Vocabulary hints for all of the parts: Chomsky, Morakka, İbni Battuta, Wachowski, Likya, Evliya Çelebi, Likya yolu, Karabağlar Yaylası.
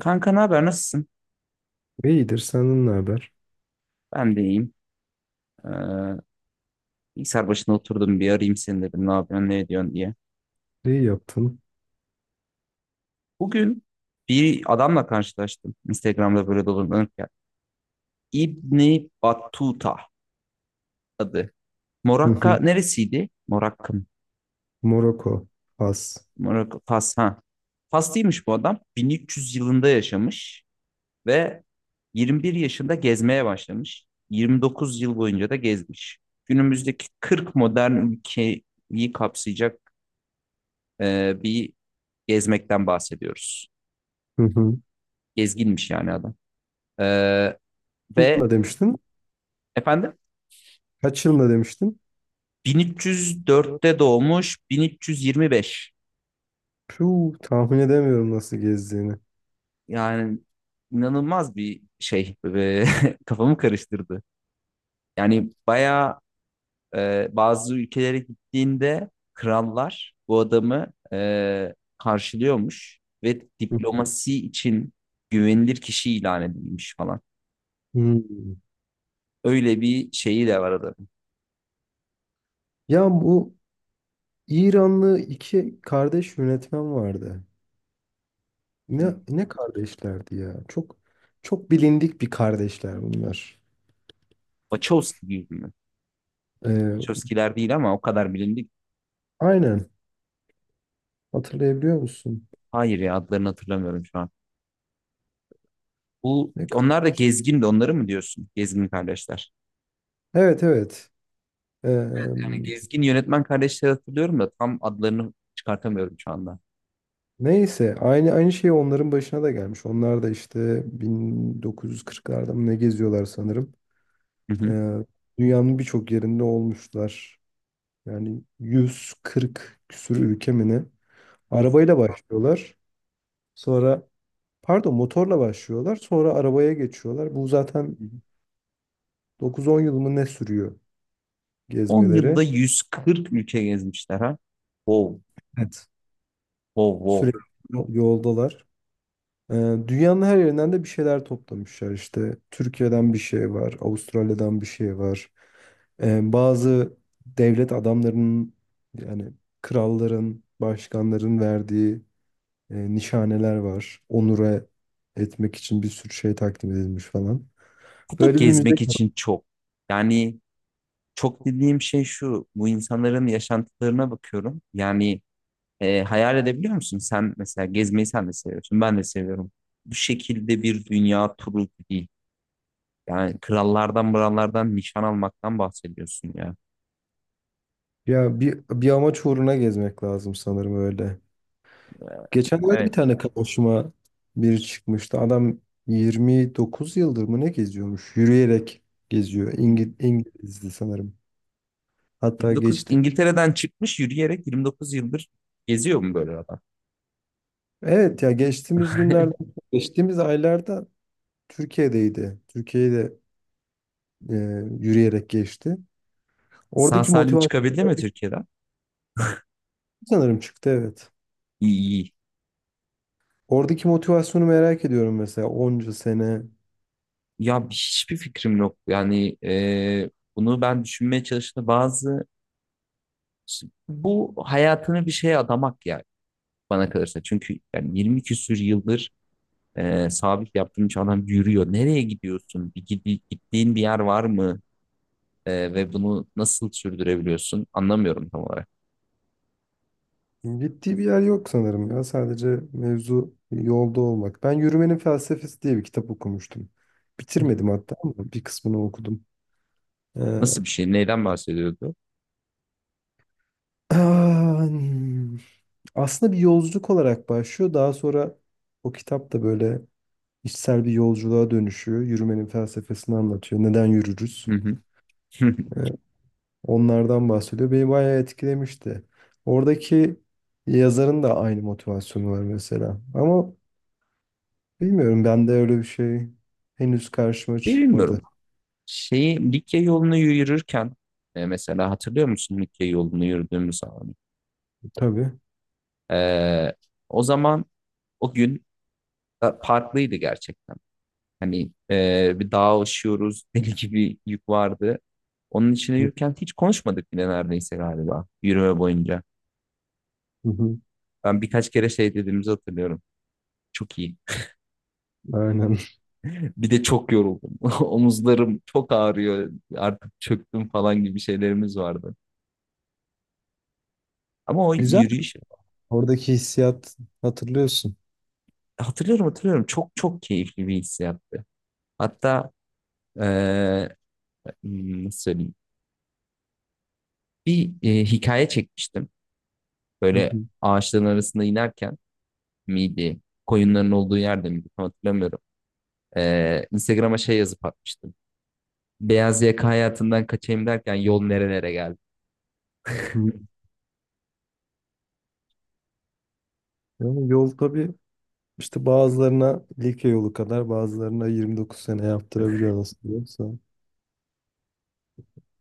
Kanka ne haber nasılsın? İyidir, senden ne haber? Ben de iyiyim. Ee, bilgisayar başına oturdum bir arayayım seni dedim ne yapıyorsun ne ediyorsun diye. İyi yaptın. Bugün bir adamla karşılaştım. Instagram'da böyle dolanırken. İbni Battuta adı. Hı hı. Morakka neresiydi? Morakka mı? Moroko, Fas. Morakka Fas ha. Faslıymış bu adam. 1300 yılında yaşamış ve 21 yaşında gezmeye başlamış. 29 yıl boyunca da gezmiş. Günümüzdeki 40 modern ülkeyi kapsayacak bir gezmekten bahsediyoruz. Hı hı. Gezginmiş yani adam. Ee, ve Ne demiştin? efendim Kaç yılında demiştin? 1304'te doğmuş 1325. Puh, tahmin edemiyorum nasıl gezdiğini. Yani inanılmaz bir şey. Kafamı karıştırdı. Yani bayağı bazı ülkelere gittiğinde krallar bu adamı karşılıyormuş ve Hı. diplomasi için güvenilir kişi ilan edilmiş falan. Hmm. Öyle bir şeyi de var adamın. Ya, bu İranlı iki kardeş yönetmen vardı. Ne kardeşlerdi ya? Çok çok bilindik bir kardeşler bunlar. Wachowski gibi mi? Ee, Chomsky'ler değil ama o kadar bilindik. aynen. Hatırlayabiliyor musun? Hayır ya adlarını hatırlamıyorum şu an. Bu Ne? Onlar da gezgin onları mı diyorsun? Gezgin kardeşler. Evet, evet. Ee, Yani gezgin yönetmen kardeşleri hatırlıyorum da tam adlarını çıkartamıyorum şu anda. Neyse aynı şey onların başına da gelmiş. Onlar da işte 1940'larda mı ne geziyorlar sanırım. Hı hı. Ee, dünyanın birçok yerinde olmuşlar. Yani 140 küsur ülke mi ne? Of. Arabayla başlıyorlar. Sonra pardon motorla başlıyorlar. Sonra arabaya geçiyorlar. Bu zaten Hı hı. 9-10 yıl mı ne sürüyor 10 yılda gezmeleri. 140 ülke gezmişler ha. Wow, Evet. wow, wow. Sürekli yoldalar. Ee, Dünyanın her yerinden de bir şeyler toplamışlar işte. Türkiye'den bir şey var, Avustralya'dan bir şey var. Bazı devlet adamlarının, yani kralların, başkanların verdiği nişaneler var. Onure etmek için bir sürü şey takdim edilmiş falan. Bu da Böyle bir müze... gezmek için çok. Yani çok dediğim şey şu. Bu insanların yaşantılarına bakıyorum. Yani hayal edebiliyor musun? Sen mesela gezmeyi sen de seviyorsun. Ben de seviyorum. Bu şekilde bir dünya turu değil. Yani krallardan mırallardan nişan almaktan bahsediyorsun ya. Ya, bir amaç uğruna gezmek lazım sanırım öyle. E, Geçenlerde bir evet. tane karşıma biri çıkmıştı. Adam 29 yıldır mı ne geziyormuş? Yürüyerek geziyor. İngilizdi sanırım. Hatta 29 geçti. İngiltere'den çıkmış yürüyerek 29 yıldır geziyor mu böyle adam? Evet, ya geçtiğimiz günlerde, geçtiğimiz aylarda Türkiye'deydi. Türkiye'de e, yürüyerek geçti. Sağ Oradaki salim motivasyon... çıkabildi mi Türkiye'den? Sanırım çıktı, evet. İyi iyi. Oradaki motivasyonu merak ediyorum mesela, onca sene... Ya hiçbir fikrim yok. Yani bunu ben düşünmeye çalıştım. Bazı bu hayatını bir şeye adamak yani bana kalırsa. Çünkü yani 20 küsür yıldır sabit yaptığım için adam yürüyor. Nereye gidiyorsun? Bir, gittiğin bir yer var mı? Ve bunu nasıl sürdürebiliyorsun? Anlamıyorum tam olarak. Gittiği bir yer yok sanırım ya. Sadece mevzu yolda olmak. Ben Yürümenin Felsefesi diye bir kitap okumuştum. Bitirmedim hatta ama bir kısmını okudum. Ee, Nasıl bir şey? Neyden bahsediyordu? Aslında bir yolculuk olarak başlıyor. Daha sonra o kitap da böyle içsel bir yolculuğa dönüşüyor. Yürümenin felsefesini anlatıyor. Neden yürürüz? Hı hı. Ee, onlardan bahsediyor. Beni bayağı etkilemişti. Oradaki yazarın da aynı motivasyonu var mesela. Ama bilmiyorum, ben de öyle bir şey henüz karşıma çıkmadı. Bilmiyorum. Şeyi Likya yolunu yürürken mesela hatırlıyor musun Likya yolunu yürüdüğümüz zaman? Tabii. Ee, o zaman o gün farklıydı gerçekten. Hani bir dağa aşıyoruz, deli gibi yük vardı. Onun içine yürürken hiç konuşmadık bile neredeyse galiba yürüme boyunca. Hı hı. Ben birkaç kere şey dediğimizi hatırlıyorum. Çok iyi. Aynen. Bir de çok yoruldum. Omuzlarım çok ağrıyor. Artık çöktüm falan gibi şeylerimiz vardı. Ama o Güzel. yürüyüş Oradaki hissiyat hatırlıyorsun. hatırlıyorum hatırlıyorum. Çok çok keyifli bir hissiyattı. Hatta eee, nasıl söyleyeyim? Bir hikaye çekmiştim. Hı hı. Böyle ağaçların arasında inerken miydi? Koyunların olduğu yerde miydi? Tam hatırlamıyorum. Instagram'a şey yazıp atmıştım. Beyaz yaka hayatından kaçayım derken yol nerelere geldi. Hı. Yani yol tabii işte bazılarına Likya yolu kadar bazılarına 29 sene yaptırabiliyor nasıl diyorsa.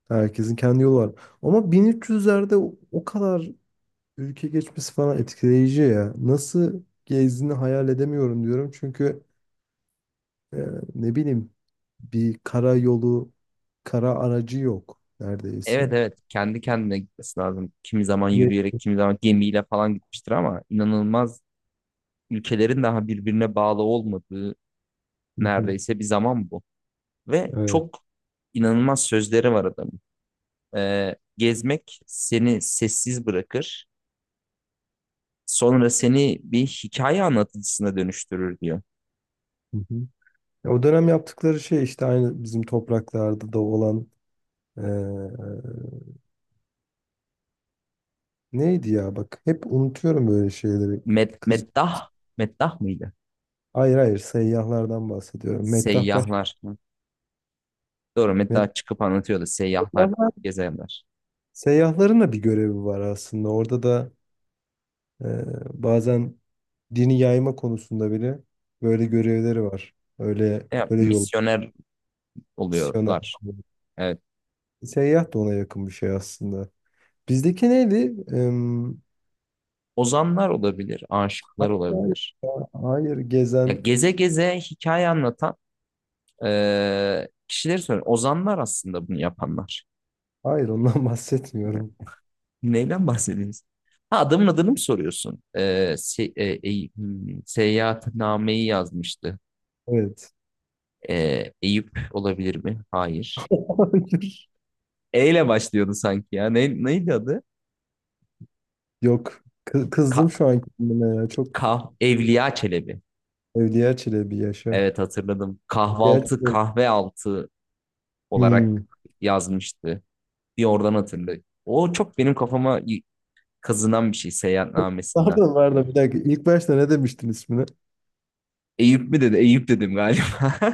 Herkesin kendi yolu var. Ama 1300'lerde o kadar ülke geçmesi falan etkileyici ya. Nasıl gezdiğini hayal edemiyorum diyorum. Çünkü Ee, ne bileyim, bir kara yolu, kara aracı yok neredeyse. Evet, evet, kendi kendine gitmesi lazım. Kimi zaman Ve- yürüyerek, kimi zaman gemiyle falan gitmiştir ama inanılmaz ülkelerin daha birbirine bağlı olmadığı Hı hı, neredeyse bir zaman bu. Ve evet. çok inanılmaz sözleri var adamın. Gezmek seni sessiz bırakır, sonra seni bir hikaye anlatıcısına dönüştürür diyor. Hı hı. Ya, o dönem yaptıkları şey işte aynı bizim topraklarda da olan, ee, neydi ya, bak, hep unutuyorum böyle şeyleri. Med Kız meddah, meddah mıydı? hayır, hayır, seyyahlardan bahsediyorum. Meddah Baş... Seyyahlar. Hı. Doğru, Med- meddah çıkıp anlatıyordu seyyahlar, Seyyahlar. gezenler. Seyyahların da bir görevi var aslında. Orada da, ee, bazen dini yayma konusunda bile böyle görevleri var. Öyle Ya, öyle yol... misyoner Siyon'a. oluyorlar. Seyyah da ona yakın bir şey aslında. Bizdeki neydi? Em, Ozanlar olabilir, aşıklar hayır, olabilir. hayır, hayır, Ya gezen. geze geze hikaye anlatan kişileri söylüyorum. Ozanlar aslında bunu yapanlar. Hayır, ondan bahsetmiyorum. Neyden bahsediyorsun? Ha adamın adını mı soruyorsun? E, se, e, Eyüp- hmm, seyahatnameyi yazmıştı. Evet. Eyüp olabilir mi? Hayır. Hayır. E ile başlıyordu sanki ya. Neydi adı? Yok. Kızdım Ka, şu an kendime ya. Çok... Evliya Çelebi. Evliya Çelebi, yaşa! Evet, hatırladım. Evliya Kahvaltı, Çelebi. kahve altı olarak Hmm. yazmıştı, diye oradan hatırlıyor. O çok benim kafama kazınan bir şey seyahatnamesinden. Pardon, pardon, bir dakika. İlk başta ne demiştin ismini? Eyüp mü dedi? Eyüp dedim galiba.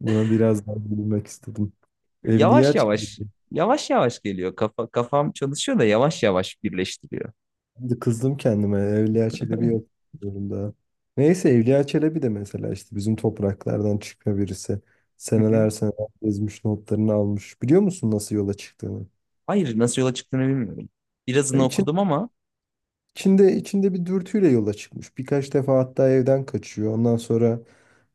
Buna biraz daha bilmek istedim. Evliya Yavaş Çelebi. yavaş, yavaş yavaş geliyor. Kafam çalışıyor da yavaş yavaş birleştiriyor. Şimdi kızdım kendime. Evliya Çelebi yok durumda. Neyse Evliya Çelebi de mesela işte bizim topraklardan çıkma birisi. Hı hı. Seneler seneler gezmiş, notlarını almış. Biliyor musun nasıl yola çıktığını? Hayır, nasıl yola çıktığını bilmiyorum. Ya, Birazını için, okudum ama. içinde, içinde bir dürtüyle yola çıkmış. Birkaç defa hatta evden kaçıyor. Ondan sonra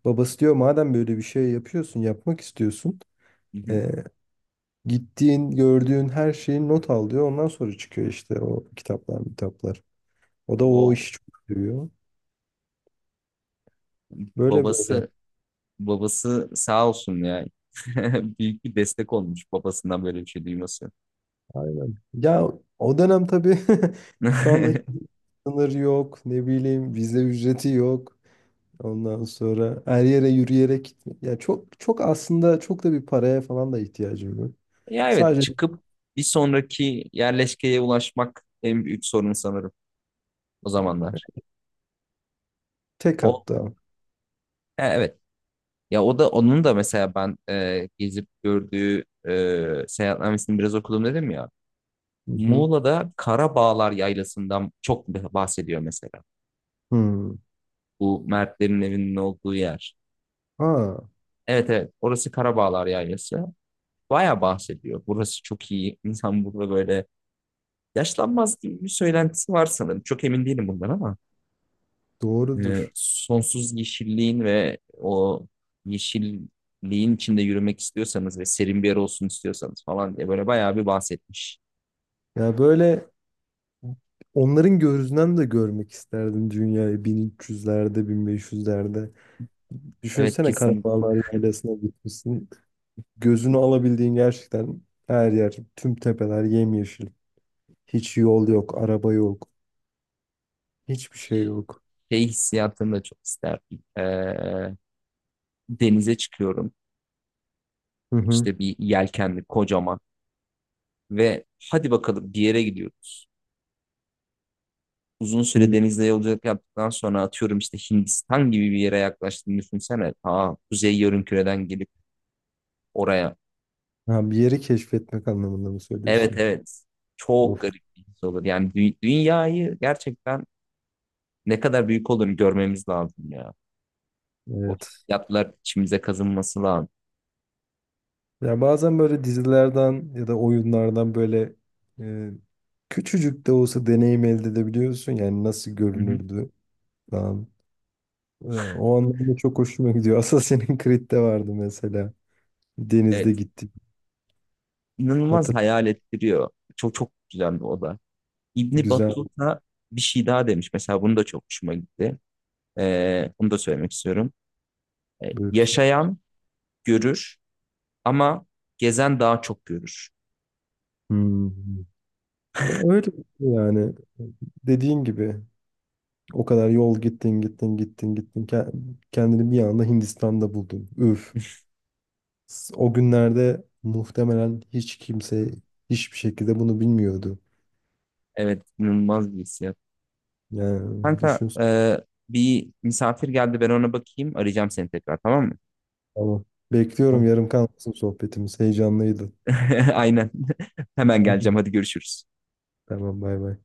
babası diyor madem böyle bir şey yapıyorsun, yapmak istiyorsun. Hı hı. e, gittiğin, gördüğün her şeyi not al diyor. Ondan sonra çıkıyor işte o kitaplar, kitaplar. O da o Wow, işi çok seviyor. Böyle böyle. babası babası sağ olsun ya. Büyük bir destek olmuş babasından böyle bir şey duyması. Aynen. Ya, o dönem tabii, şu andaki sınır yok. Ne bileyim vize ücreti yok. Ondan sonra her yere yürüyerek gitme. Ya, çok çok aslında, çok da bir paraya falan da ihtiyacım yok. Ya evet, Sadece çıkıp bir sonraki yerleşkeye ulaşmak en büyük sorun sanırım. O zamanlar. tek... O, hatta. he, evet. Ya o da onun da mesela ben gezip gördüğü seyahatnamesini biraz okudum dedim ya. Hı hı. Muğla'da Karabağlar Yaylası'ndan çok bahsediyor mesela. Hmm. Bu Mertlerin evinin olduğu yer. Ha, Evet, evet, orası Karabağlar Yaylası. Baya bahsediyor. Burası çok iyi. İnsan burada böyle yaşlanmaz gibi bir söylentisi var sanırım. Çok emin değilim bundan ama. e, doğrudur. sonsuz yeşilliğin ve o yeşilliğin içinde yürümek istiyorsanız ve serin bir yer olsun istiyorsanız falan diye böyle bayağı bir bahsetmiş. Ya, böyle onların gözünden de görmek isterdim dünyayı, bin üç yüzlerde, 1500'lerde... Evet, Düşünsene, kesinlikle. Karabağlar Yaylası'na gitmişsin. Gözünü alabildiğin gerçekten her yer, tüm tepeler yemyeşil. Hiç yol yok, araba yok, hiçbir şey yok. Şey hissiyatını da çok isterdim. Denize çıkıyorum. Hı hı. İşte bir yelkenli kocaman ve hadi bakalım bir yere gidiyoruz. Uzun süre Hı. denizde yolculuk yaptıktan sonra atıyorum işte Hindistan gibi bir yere yaklaştığını düşünsene. Ta kuzey yarımküreden gelip oraya. Ha, bir yeri keşfetmek anlamında mı Evet, söylüyorsun? evet. Çok Of, garip bir his olur. Yani dünyayı gerçekten ne kadar büyük olduğunu görmemiz lazım ya. O evet. yatlar içimize kazınması lazım. Ya, bazen böyle dizilerden ya da oyunlardan böyle, e, küçücük de olsa deneyim elde edebiliyorsun. Yani nasıl Hı hı. görünürdü falan. O anlamda çok hoşuma gidiyor. Assassin's Creed'de vardı mesela. Denizde Evet. gittik. İnanılmaz Hatır... hayal ettiriyor. Çok çok güzel bir oda. İbni güzel. Battuta bir şey daha demiş. Mesela bunu da çok hoşuma gitti. Bunu da söylemek istiyorum. Ee, Buyursun. yaşayan görür ama gezen daha çok görür. Hmm. Öyle yani dediğin gibi. O kadar yol gittin gittin gittin gittin. Kendini bir anda Hindistan'da buldun. Üf. O günlerde muhtemelen hiç kimse hiçbir şekilde bunu bilmiyordu. Evet, inanılmaz bir his. Yani Kanka düşün. Bir misafir geldi, ben ona bakayım, arayacağım seni tekrar, tamam mı? Tamam. Bekliyorum, Tamam. yarım kalmasın sohbetimiz. Heyecanlıydı. Aynen. Hemen Tamam. geleceğim, hadi görüşürüz. Tamam, bay bay.